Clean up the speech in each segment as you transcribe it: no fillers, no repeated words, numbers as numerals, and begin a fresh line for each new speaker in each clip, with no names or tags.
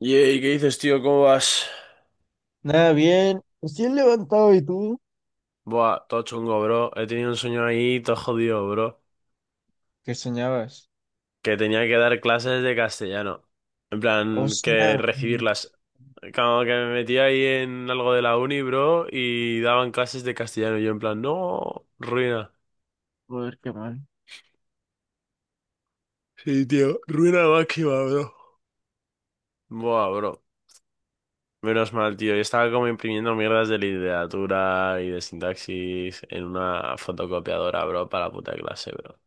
Yey, ¿qué dices, tío? ¿Cómo vas?
Nada, bien. Recién levantado, ¿y tú?
Buah, todo chungo, bro. He tenido un sueño ahí, todo jodido, bro.
¿Qué soñabas?
Que tenía que dar clases de castellano. En plan, que
Hostia,
recibirlas. Como que me metí ahí en algo de la uni, bro, y daban clases de castellano. Y yo en plan, no, ruina.
joder, qué mal.
Sí, tío, ruina máxima, bro. Buah, bro. Menos mal, tío. Yo estaba como imprimiendo mierdas de literatura y de sintaxis en una fotocopiadora, bro, para la puta clase, bro.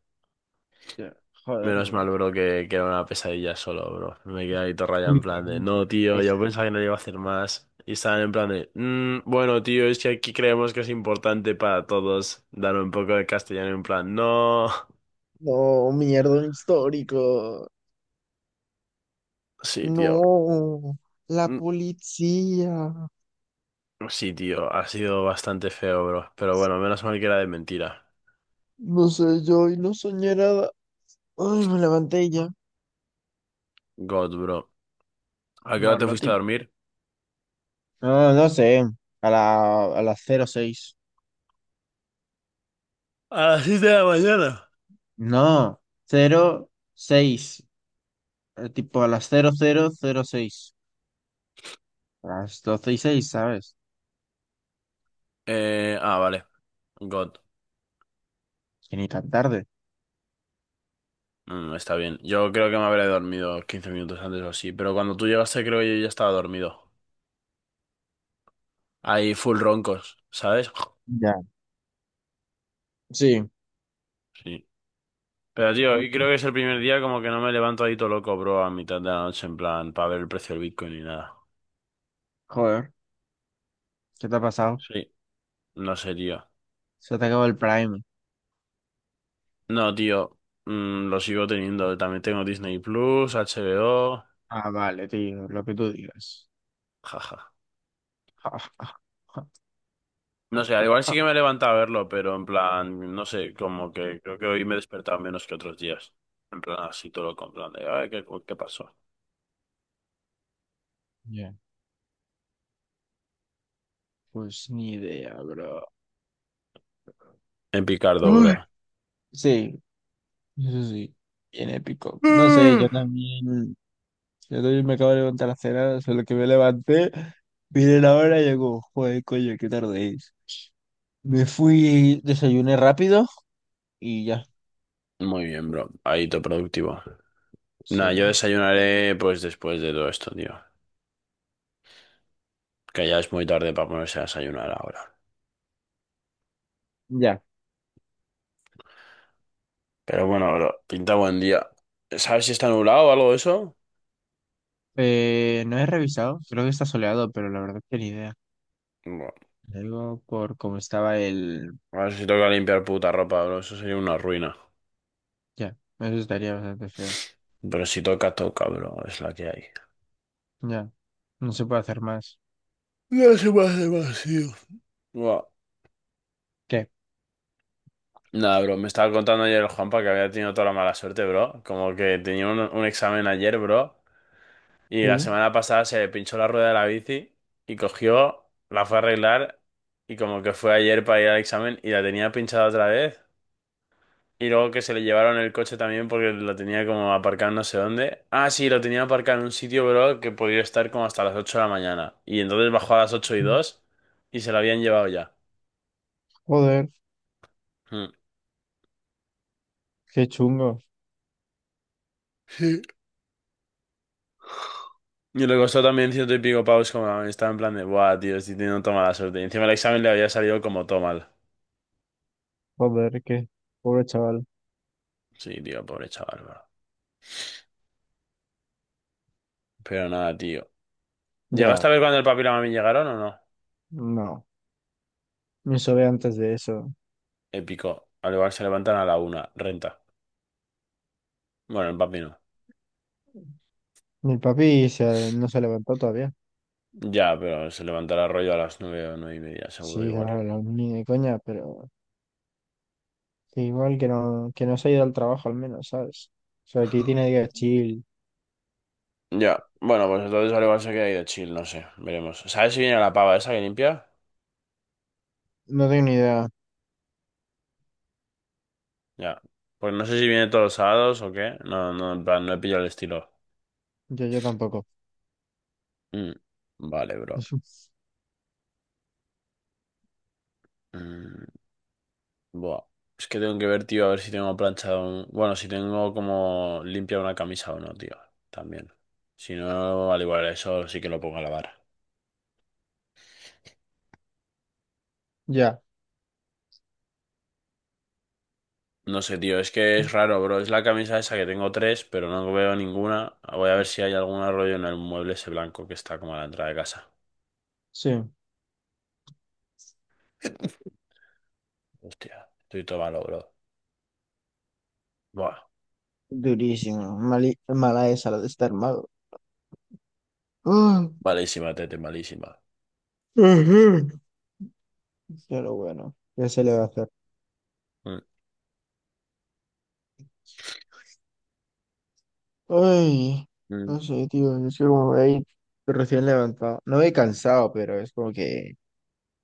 Ya, joder,
Menos mal,
bro.
bro, que era una pesadilla solo, bro. Me quedé ahí todo rayado en plan de, no,
Literalmente,
tío, yo
pesado.
pensaba que no le iba a hacer más. Y estaban en plan de, bueno, tío, es que aquí creemos que es importante para todos dar un poco de castellano en plan, no.
No, mierda, un histórico.
Sí, tío.
No, la
Mm.
policía.
Sí, tío, ha sido bastante feo, bro. Pero bueno, menos mal que era de mentira.
No sé, yo no soñé nada. Ay, me levanté y ya.
God, bro. ¿A qué hora
No,
te
lo
fuiste a
típico.
dormir?
No, no sé. A las cero seis.
A las 7 de la mañana.
No, 06. Tipo a las cero cero cero seis. A las 12 y seis, ¿sabes?
Vale. God.
Es que ni tan tarde.
Está bien. Yo creo que me habré dormido 15 minutos antes o así, pero cuando tú llegaste creo que yo ya estaba dormido. Ahí full roncos, ¿sabes?
Ya. Sí,
Sí. Pero tío, hoy creo que es el primer día como que no me levanto ahí todo loco, bro, a mitad de la noche en plan para ver el precio del Bitcoin ni nada.
joder. ¿Qué te ha pasado?
Sí, no sé, tío.
Se te acabó el Prime.
No, tío, lo sigo teniendo. También tengo Disney Plus, HBO,
Ah, vale, tío, lo que tú digas.
jaja. No sé, al igual sí que me he levantado a verlo, pero en plan, no sé, como que creo que hoy me he despertado menos que otros días. En plan, así todo con plan de, ay, ¿qué pasó?
Ya. Pues ni idea, bro.
En Picardo,
Uy.
bro.
Sí, eso sí, bien épico. No sé,
Mm.
yo también me acabo de levantar a cenar, solo que me levanté, miré la hora y digo, joder, coño, qué tarde es. Me fui, desayuné rápido y ya,
Muy bien, bro. Ahí todo productivo. Nada,
sí.
yo desayunaré pues después de todo esto, tío. Que ya es muy tarde para ponerse a desayunar ahora.
Ya.
Pero bueno, bro, pinta buen día. ¿Sabes si está nublado o algo de eso?
No he revisado, creo que está soleado, pero la verdad que ni idea.
Bueno,
Algo por cómo estaba el...
a ver si toca limpiar puta ropa, bro. Eso sería una ruina.
Ya, eso estaría bastante feo.
Pero si toca, toca, bro. Es la que hay.
Ya, no se puede hacer más.
No se me hace. Buah.
¿Qué?
Nada, bro, me estaba contando ayer el Juanpa que había tenido toda la mala suerte, bro. Como que tenía un examen ayer, bro, y la
Sí.
semana pasada se le pinchó la rueda de la bici y cogió, la fue a arreglar y como que fue ayer para ir al examen y la tenía pinchada otra vez. Y luego que se le llevaron el coche también porque lo tenía como aparcado no sé dónde. Ah, sí, lo tenía aparcado en un sitio, bro, que podía estar como hasta las 8 de la mañana. Y entonces bajó a las 8 y 2 y se lo habían llevado ya.
Joder,
Hmm.
qué chungo.
Y le costó también ciento y pico pavos como estaba en plan de, buah, tío, estoy teniendo toda mala suerte. Y encima el examen le había salido como todo mal.
Joder, qué pobre chaval.
Sí, tío, pobre chaval, bro. Pero nada, tío.
Ya,
¿Llegaste a ver cuando el papi y la mami llegaron o no?
no. Me sobe antes de eso.
Épico. Al igual se levantan a la una, renta. Bueno, el papi no.
No se levantó todavía.
Ya, pero se levantará rollo a las nueve o nueve y media, seguro
Sí,
igual.
claro, no, ni de coña, pero que no se ha ido al trabajo al menos, ¿sabes? O sea, que tiene día chill.
Ya, bueno, pues entonces al igual se queda ahí de chill, no sé, veremos. ¿Sabes si viene la pava esa que limpia?
No tengo ni idea.
Ya. Pues no sé si viene todos los sábados o qué. No, no, en plan, no he pillado el estilo.
Yo tampoco.
Mm. Vale, bro. Mm. Buah. Es que tengo que ver, tío, a ver si tengo planchado un... Bueno, si tengo como limpia una camisa o no, tío. También. Si no, al igual eso sí que lo pongo a lavar.
Ya,
No sé, tío, es que es raro, bro. Es la camisa esa que tengo tres, pero no veo ninguna. Voy a ver si hay algún rollo en el mueble ese blanco que está como a la entrada de casa.
sí.
Hostia, estoy todo malo, bro. Buah,
Durísimo. Mala esa la de estar mago. Ah,
malísima, tete, malísima.
ujú, pero bueno, ya se le va a hacer.
Mm,
Ay,
mm.
no sé, tío. Es que como ahí recién levantado. No he cansado, pero es como que,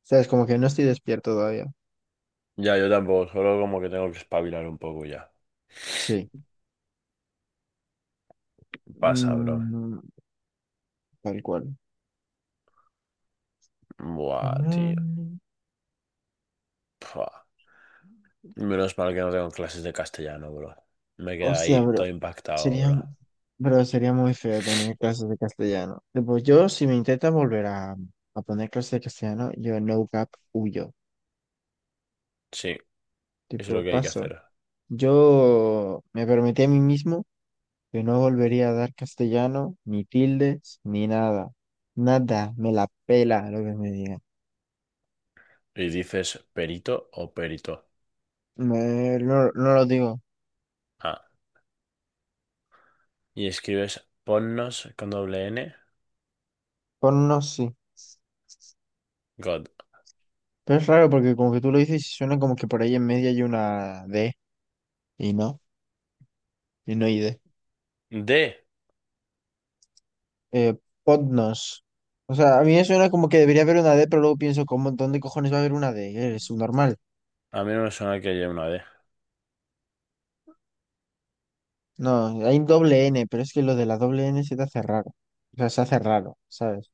¿sabes? Como que no estoy despierto todavía.
Ya, yo tampoco, solo como que tengo que espabilar un poco ya.
Sí.
Pasa, bro.
Mm, tal cual.
Buah, tío.
Mm,
Buah. Menos mal que no tengo clases de castellano, bro. Me queda
hostia,
ahí
bro.
todo impactado,
Sería,
bro.
pero sería muy feo tener clases de castellano. Tipo, yo, si me intentan volver a poner clases de castellano, yo no cap huyo.
Sí, eso es lo
Tipo,
que hay que
pasa.
hacer.
Yo me prometí a mí mismo que no volvería a dar castellano, ni tildes, ni nada. Nada, me la pela lo que me digan.
Y dices perito o perito.
No lo digo.
Ah, y escribes ponnos con doble N.
Con unos sí.
God.
Pero es raro porque como que tú lo dices y suena como que por ahí en medio hay una D. Y no, y no hay D.
D.
Eh, Podnos. O sea, a mí me suena como que debería haber una D, pero luego pienso, ¿cómo, dónde cojones va a haber una D? Es subnormal.
A mí no me suena que haya una D.
No, hay un doble N, pero es que lo de la doble N se te hace raro. O sea, se hace raro, ¿sabes?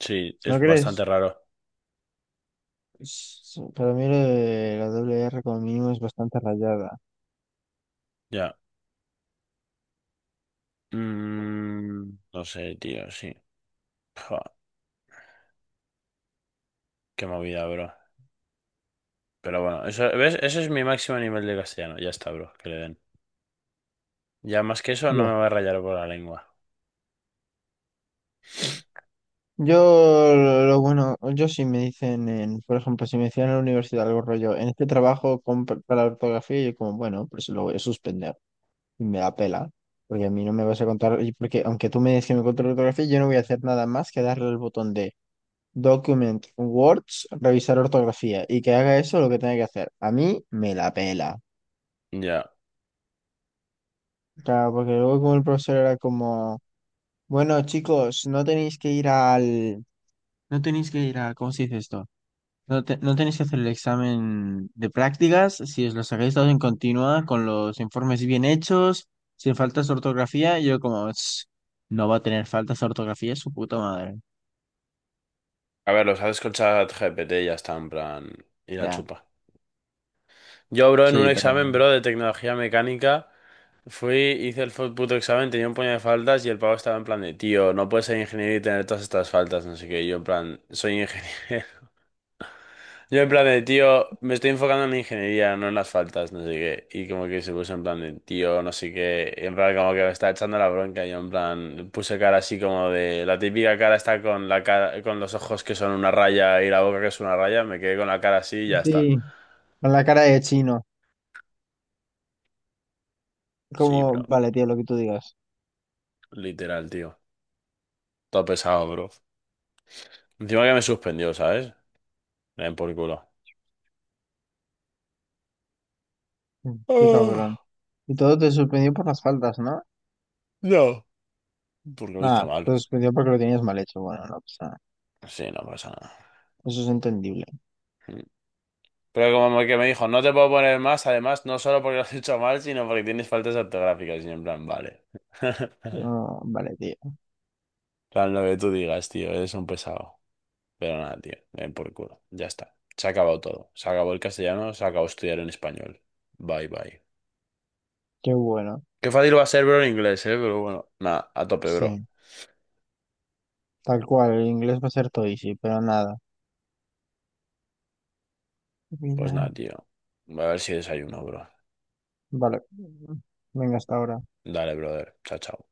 Sí,
¿No
es bastante
crees?
raro.
Para mí lo de la doble R como mínimo es bastante rayada.
Ya. No sé, tío, sí. Pua, qué movida, bro. Pero bueno, eso, ¿ves? Ese es mi máximo nivel de castellano. Ya está, bro, que le den. Ya más que eso no
Ya.
me va a rayar por la lengua.
Yo, lo bueno, yo si me dicen, por ejemplo, si me decían en la universidad algo rollo, en este trabajo con, para la ortografía, yo como, bueno, pues lo voy a suspender y me da pela, porque a mí no me vas a contar, y porque aunque tú me digas que me contes la ortografía, yo no voy a hacer nada más que darle el botón de Document Words, revisar ortografía y que haga eso lo que tenga que hacer. A mí me la pela.
Ya.
Claro, porque luego como el profesor era como, bueno, chicos, no tenéis que ir al, no tenéis que ir a, ¿cómo se dice esto? No tenéis que hacer el examen de prácticas si os lo sacáis todos en continua, con los informes bien hechos, sin faltas de ortografía. Y yo como, "Ch, no va a tener faltas de ortografía, su puta madre".
A ver, los haces con ChatGPT y ya está, en plan, y la
Ya,
chupa. Yo, bro, en un
sí, pero...
examen, bro, de tecnología mecánica, fui, hice el puto examen, tenía un puño de faltas y el pavo estaba en plan de, tío, no puedes ser ingeniero y tener todas estas faltas, no sé qué. Y yo, en plan, soy ingeniero. Yo en plan de, tío, me estoy enfocando en la ingeniería, no en las faltas, no sé qué. Y como que se puso en plan de, tío, no sé qué. Y en plan como que me está echando la bronca. Y yo en plan puse cara así como de, la típica cara está con la cara, con los ojos que son una raya y la boca que es una raya. Me quedé con la cara así y ya está.
Sí, con la cara de chino.
Sí,
Como,
bro.
vale, tío, lo que tú digas.
Literal, tío. Todo pesado, bro. Encima que me suspendió, ¿sabes? Me den por culo.
Qué cabrón.
Ah,
Y todo te suspendió por las faltas, ¿no?
no. Porque lo hizo
Nada, te
mal.
suspendió porque lo tenías mal hecho. Bueno, no pasa nada.
Sí, no pasa
Eso es entendible.
nada. Pero como que me dijo, no te puedo poner más, además, no solo porque lo has hecho mal, sino porque tienes faltas ortográficas. Y yo en plan, vale.
Ah, vale, tío.
En plan, lo que tú digas, tío, eres un pesado. Pero nada, tío, ven por culo. Ya está. Se ha acabado todo. Se acabó el castellano, se acabó estudiar en español. Bye, bye.
Qué bueno.
Qué fácil va a ser, bro, en inglés, pero bueno, nada, a tope, bro.
Sí, tal cual. El inglés va a ser todo easy, pero nada.
Pues nada, tío. Voy a ver si desayuno, bro.
Vale. Venga, hasta ahora.
Dale, brother. Chao, chao.